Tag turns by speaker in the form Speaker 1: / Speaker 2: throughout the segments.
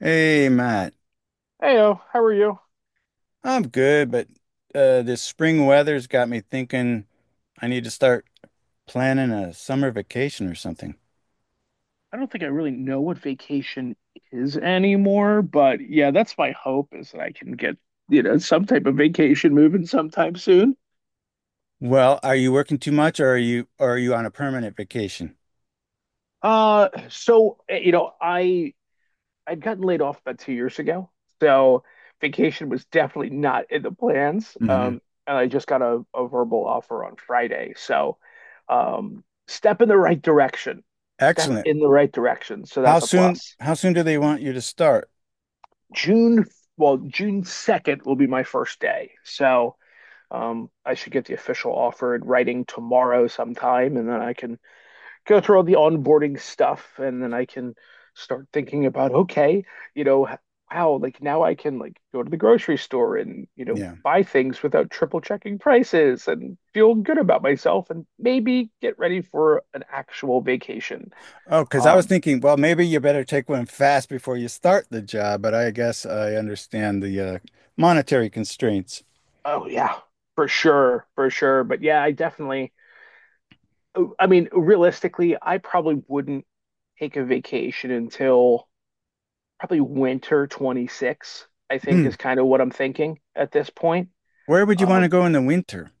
Speaker 1: Hey, Matt.
Speaker 2: Heyo, how are you?
Speaker 1: I'm good, but this spring weather's got me thinking I need to start planning a summer vacation or something.
Speaker 2: I don't think I really know what vacation is anymore, but yeah, that's my hope, is that I can get, some type of vacation moving sometime soon.
Speaker 1: Well, are you working too much or are you on a permanent vacation?
Speaker 2: Uh, so, eh, you know, I I'd gotten laid off about 2 years ago, so vacation was definitely not in the plans.
Speaker 1: Hmm.
Speaker 2: And I just got a verbal offer on Friday, so step in the right direction. Step
Speaker 1: Excellent.
Speaker 2: in the right direction, so that's a plus.
Speaker 1: How soon do they want you to start?
Speaker 2: June, well, June 2nd will be my first day. So I should get the official offer in writing tomorrow sometime, and then I can go through all the onboarding stuff, and then I can start thinking about, okay, you know, h- wow, like now I can like go to the grocery store and,
Speaker 1: Yeah.
Speaker 2: buy things without triple checking prices and feel good about myself and maybe get ready for an actual vacation.
Speaker 1: Oh, because I was
Speaker 2: Um,
Speaker 1: thinking, well, maybe you better take one fast before you start the job, but I guess I understand the monetary constraints.
Speaker 2: oh yeah, for sure, for sure. But yeah, I mean, realistically, I probably wouldn't take a vacation until probably winter 26, I think,
Speaker 1: Hmm.
Speaker 2: is kind of what I'm thinking at this point.
Speaker 1: Where would you want to
Speaker 2: Um,
Speaker 1: go in the winter?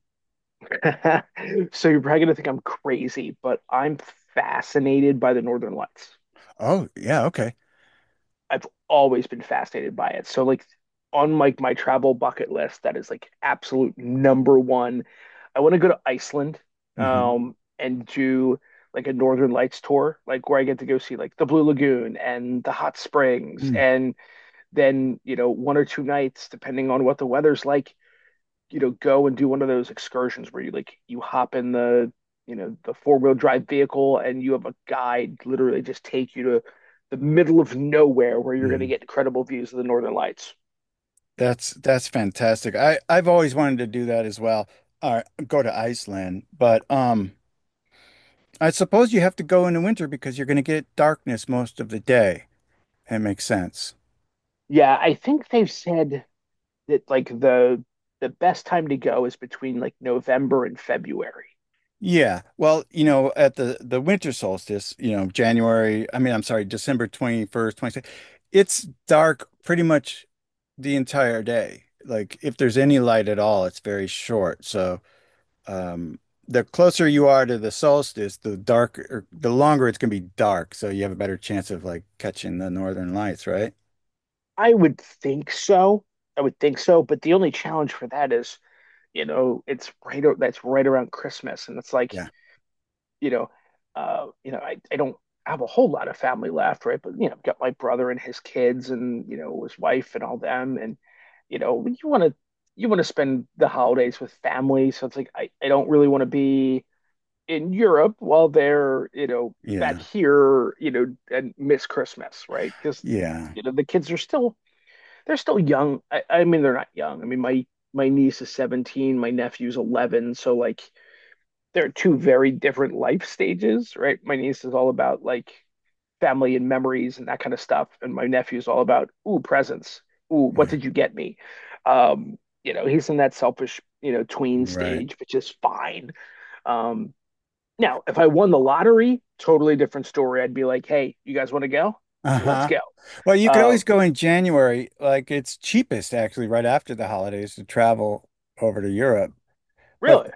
Speaker 2: so you're probably going to think I'm crazy, but I'm fascinated by the Northern Lights.
Speaker 1: Oh, yeah, okay.
Speaker 2: I've always been fascinated by it. So like on like my travel bucket list, that is like absolute number one. I want to go to Iceland,
Speaker 1: Hmm.
Speaker 2: and do like a Northern Lights tour, like where I get to go see like the Blue Lagoon and the hot springs,
Speaker 1: Mm-hmm.
Speaker 2: and then you know one or two nights, depending on what the weather's like, go and do one of those excursions where you hop in the, the four-wheel drive vehicle and you have a guide literally just take you to the middle of nowhere where you're going to
Speaker 1: Mm-hmm.
Speaker 2: get incredible views of the Northern Lights.
Speaker 1: That's fantastic. I've always wanted to do that as well. All right, go to Iceland, but I suppose you have to go in the winter because you're going to get darkness most of the day. That makes sense.
Speaker 2: Yeah, I think they've said that like the best time to go is between like November and February.
Speaker 1: Yeah. Well, you know, at the winter solstice, you know, January, I mean, I'm sorry, December 21st, 22nd. It's dark pretty much the entire day. Like if there's any light at all, it's very short. So Um, the closer you are to the solstice, the darker, the longer it's gonna be dark. So you have a better chance of like catching the northern lights, right?
Speaker 2: I would think so. I would think so. But the only challenge for that is, it's right that's right around Christmas, and it's like,
Speaker 1: Yeah,
Speaker 2: you know, I don't have a whole lot of family left, right? But you know, I've got my brother and his kids, and you know, his wife and all them, and you know, you want to you want to spend the holidays with family, so it's like I don't really want to be in Europe while they're,
Speaker 1: yeah,
Speaker 2: back here, and miss Christmas, right? Because
Speaker 1: yeah,
Speaker 2: you know, the kids are still they're still young. I mean, they're not young. I mean, my niece is 17, my nephew's 11, so like they're two very different life stages, right? My niece is all about like family and memories and that kind of stuff, and my nephew's all about ooh, presents. Ooh, what
Speaker 1: yeah.
Speaker 2: did you get me? Um, you know, he's in that selfish, tween
Speaker 1: Right.
Speaker 2: stage, which is fine. Um, Now, if I won the lottery, totally different story. I'd be like, hey, you guys want to go? Let's
Speaker 1: Uh-huh.
Speaker 2: go.
Speaker 1: Well, you could
Speaker 2: Uh,
Speaker 1: always go in January. Like it's cheapest actually right after the holidays to travel over to Europe. But
Speaker 2: Really.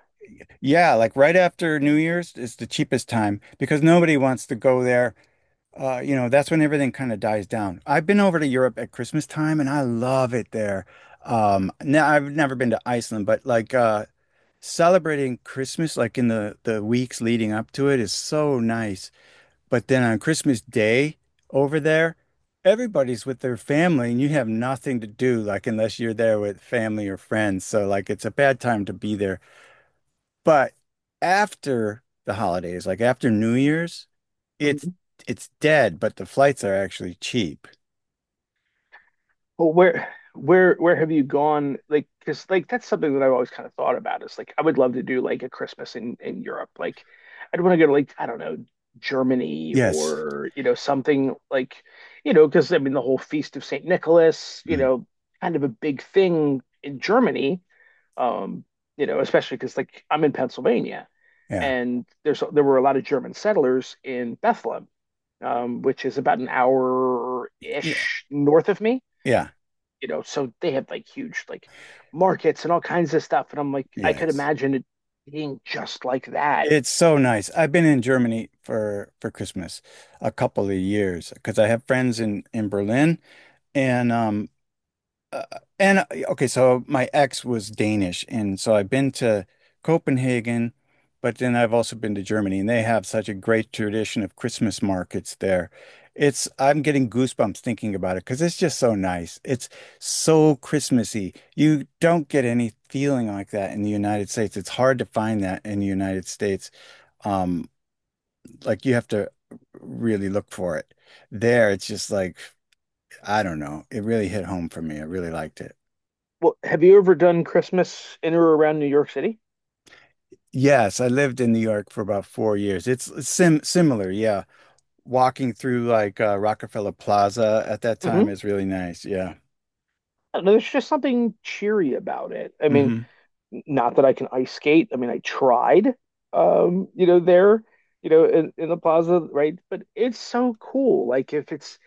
Speaker 1: yeah, like right after New Year's is the cheapest time because nobody wants to go there. You know, that's when everything kind of dies down. I've been over to Europe at Christmas time and I love it there. Now I've never been to Iceland, but celebrating Christmas like in the weeks leading up to it is so nice. But then on Christmas Day over there, everybody's with their family and you have nothing to do like unless you're there with family or friends. So like it's a bad time to be there. But after the holidays, like after New Year's, it's it's dead, but the flights are actually cheap.
Speaker 2: Well, where have you gone? Like, because like that's something that I've always kind of thought about, is like I would love to do like a Christmas in Europe. Like, I'd want to go to like I don't know Germany
Speaker 1: Yes.
Speaker 2: or you know something like because I mean the whole Feast of Saint Nicholas,
Speaker 1: Mm.
Speaker 2: kind of a big thing in Germany. Um, you know, especially because like I'm in Pennsylvania
Speaker 1: Yeah.
Speaker 2: and there were a lot of German settlers in Bethlehem, which is about an hour
Speaker 1: Yeah.
Speaker 2: ish north of me,
Speaker 1: Yeah.
Speaker 2: you know, so they have like huge like markets and all kinds of stuff. And I'm like, I could
Speaker 1: Yes.
Speaker 2: imagine it being just like that.
Speaker 1: It's so nice. I've been in Germany for Christmas a couple of years because I have friends in Berlin and um Uh, and okay, so my ex was Danish, and so I've been to Copenhagen, but then I've also been to Germany, and they have such a great tradition of Christmas markets there. It's I'm getting goosebumps thinking about it because it's just so nice. It's so Christmassy. You don't get any feeling like that in the United States. It's hard to find that in the United States. Um, like you have to really look for it. There, it's just like, I don't know. It really hit home for me. I really liked it.
Speaker 2: Well, have you ever done Christmas in or around New York City?
Speaker 1: Yes, I lived in New York for about 4 years. It's similar, yeah. Walking through like Rockefeller Plaza at that time
Speaker 2: Mm-hmm.
Speaker 1: is really nice. Yeah.
Speaker 2: I don't know, there's just something cheery about it. I mean,
Speaker 1: Hmm.
Speaker 2: not that I can ice skate. I mean, I tried, you know, there, in the plaza, right? But it's so cool. Like if it's,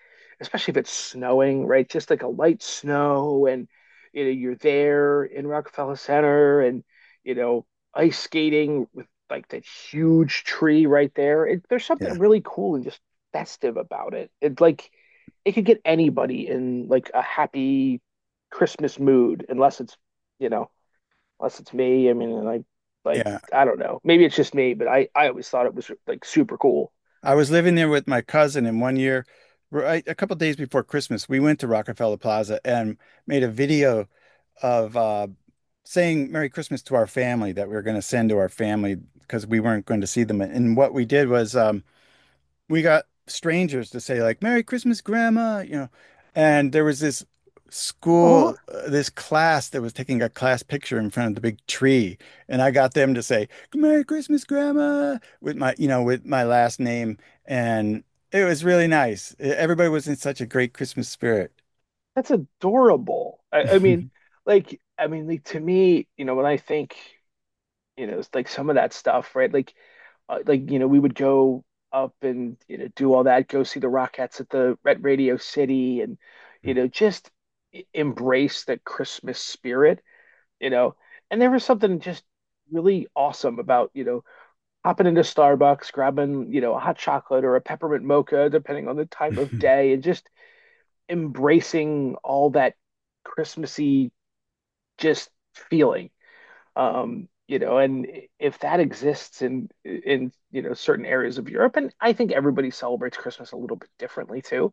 Speaker 2: especially if it's snowing, right? Just like a light snow and, you're there in Rockefeller Center and, you know, ice skating with like that huge tree right there. There's
Speaker 1: Yeah.
Speaker 2: something really cool and just festive about it. It's like it could get anybody in like a happy Christmas mood, unless it's, you know, unless it's me. I mean, and I like
Speaker 1: Yeah.
Speaker 2: I don't know. Maybe it's just me, but I always thought it was like super cool.
Speaker 1: I was living there with my cousin, and one year, right, a couple days before Christmas, we went to Rockefeller Plaza and made a video of saying Merry Christmas to our family that we were going to send to our family because we weren't going to see them. And what we did was we got strangers to say like Merry Christmas, Grandma, you know. And there was this
Speaker 2: Oh,
Speaker 1: this class that was taking a class picture in front of the big tree, and I got them to say Merry Christmas, Grandma, with my, you know, with my last name, and it was really nice. Everybody was in such a great Christmas spirit.
Speaker 2: that's adorable. I mean, I mean, like to me, when I think, it's like some of that stuff, right? Like, you know, we would go up and you know do all that, go see the Rockettes at the at Radio City, and just embrace the Christmas spirit, you know. And there was something just really awesome about, hopping into Starbucks, grabbing, a hot chocolate or a peppermint mocha, depending on the time of day, and just embracing all that Christmassy just feeling. And if that exists in in certain areas of Europe, and I think everybody celebrates Christmas a little bit differently too.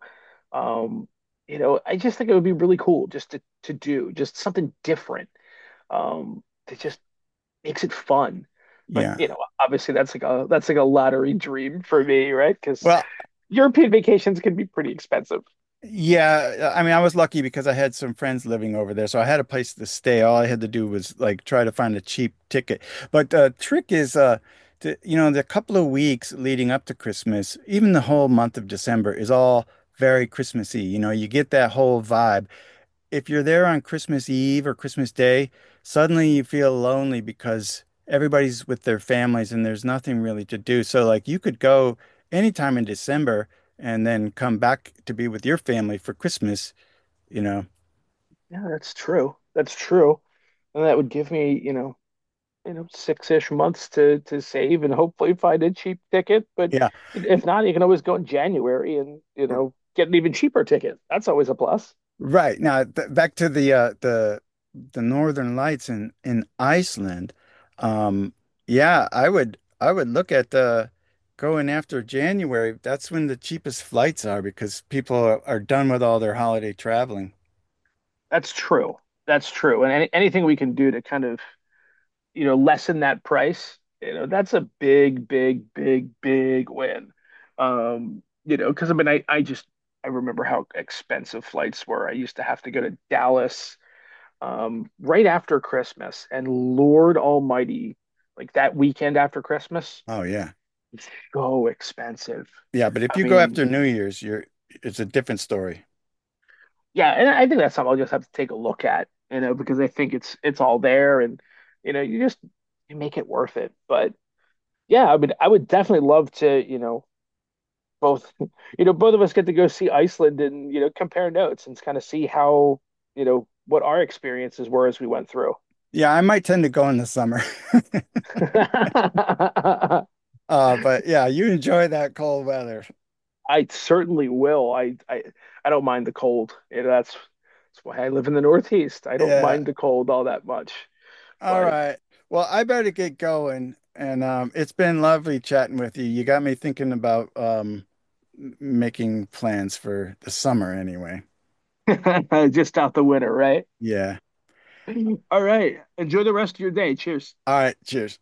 Speaker 2: Um, you know, I just think it would be really cool just to do just something different. To Just makes it fun. But you
Speaker 1: Yeah.
Speaker 2: know, obviously that's like a lottery dream for me, right? Because
Speaker 1: Well,
Speaker 2: European vacations can be pretty expensive.
Speaker 1: yeah, I mean, I was lucky because I had some friends living over there, so I had a place to stay. All I had to do was like try to find a cheap ticket. But the trick is, to, you know, the couple of weeks leading up to Christmas, even the whole month of December is all very Christmassy. You know, you get that whole vibe if you're there on Christmas Eve or Christmas Day, suddenly you feel lonely because everybody's with their families and there's nothing really to do. So like you could go anytime in December and then come back to be with your family for Christmas, you know.
Speaker 2: Yeah, that's true. That's true. And that would give me, six-ish months to save and hopefully find a cheap ticket. But
Speaker 1: Yeah.
Speaker 2: if not, you can always go in January and you know get an even cheaper ticket. That's always a plus.
Speaker 1: Right. Now, th back to the the Northern Lights in Iceland. Um yeah, I would look at going after January. That's when the cheapest flights are because people are done with all their holiday traveling.
Speaker 2: That's true. That's true. And anything we can do to kind of you know, lessen that price, you know, that's a big, big, big, big win. Because I mean, I remember how expensive flights were. I used to have to go to Dallas right after Christmas, and Lord Almighty, like that weekend after Christmas,
Speaker 1: Oh yeah.
Speaker 2: it's so expensive.
Speaker 1: Yeah, but if
Speaker 2: I
Speaker 1: you go
Speaker 2: mean,
Speaker 1: after New Year's, you're it's a different story.
Speaker 2: yeah, and I think that's something I'll just have to take a look at, you know, because I think it's all there, and you know, you just you make it worth it. But yeah, I mean, I would definitely love to, you know, both, you know, both of us get to go see Iceland and, you know, compare notes and kind of see how, you know, what our experiences were as we went through.
Speaker 1: Yeah, I might tend to go in the summer.
Speaker 2: I
Speaker 1: But yeah, you enjoy that cold weather.
Speaker 2: certainly will. I don't mind the cold. You know, that's why I live in the Northeast. I don't
Speaker 1: Yeah.
Speaker 2: mind the cold all that much,
Speaker 1: All
Speaker 2: but
Speaker 1: right. Well, I better get going. And it's been lovely chatting with you. You got me thinking about making plans for the summer anyway.
Speaker 2: just out the winter, right?
Speaker 1: Yeah.
Speaker 2: All right. Enjoy the rest of your day. Cheers.
Speaker 1: All right. Cheers.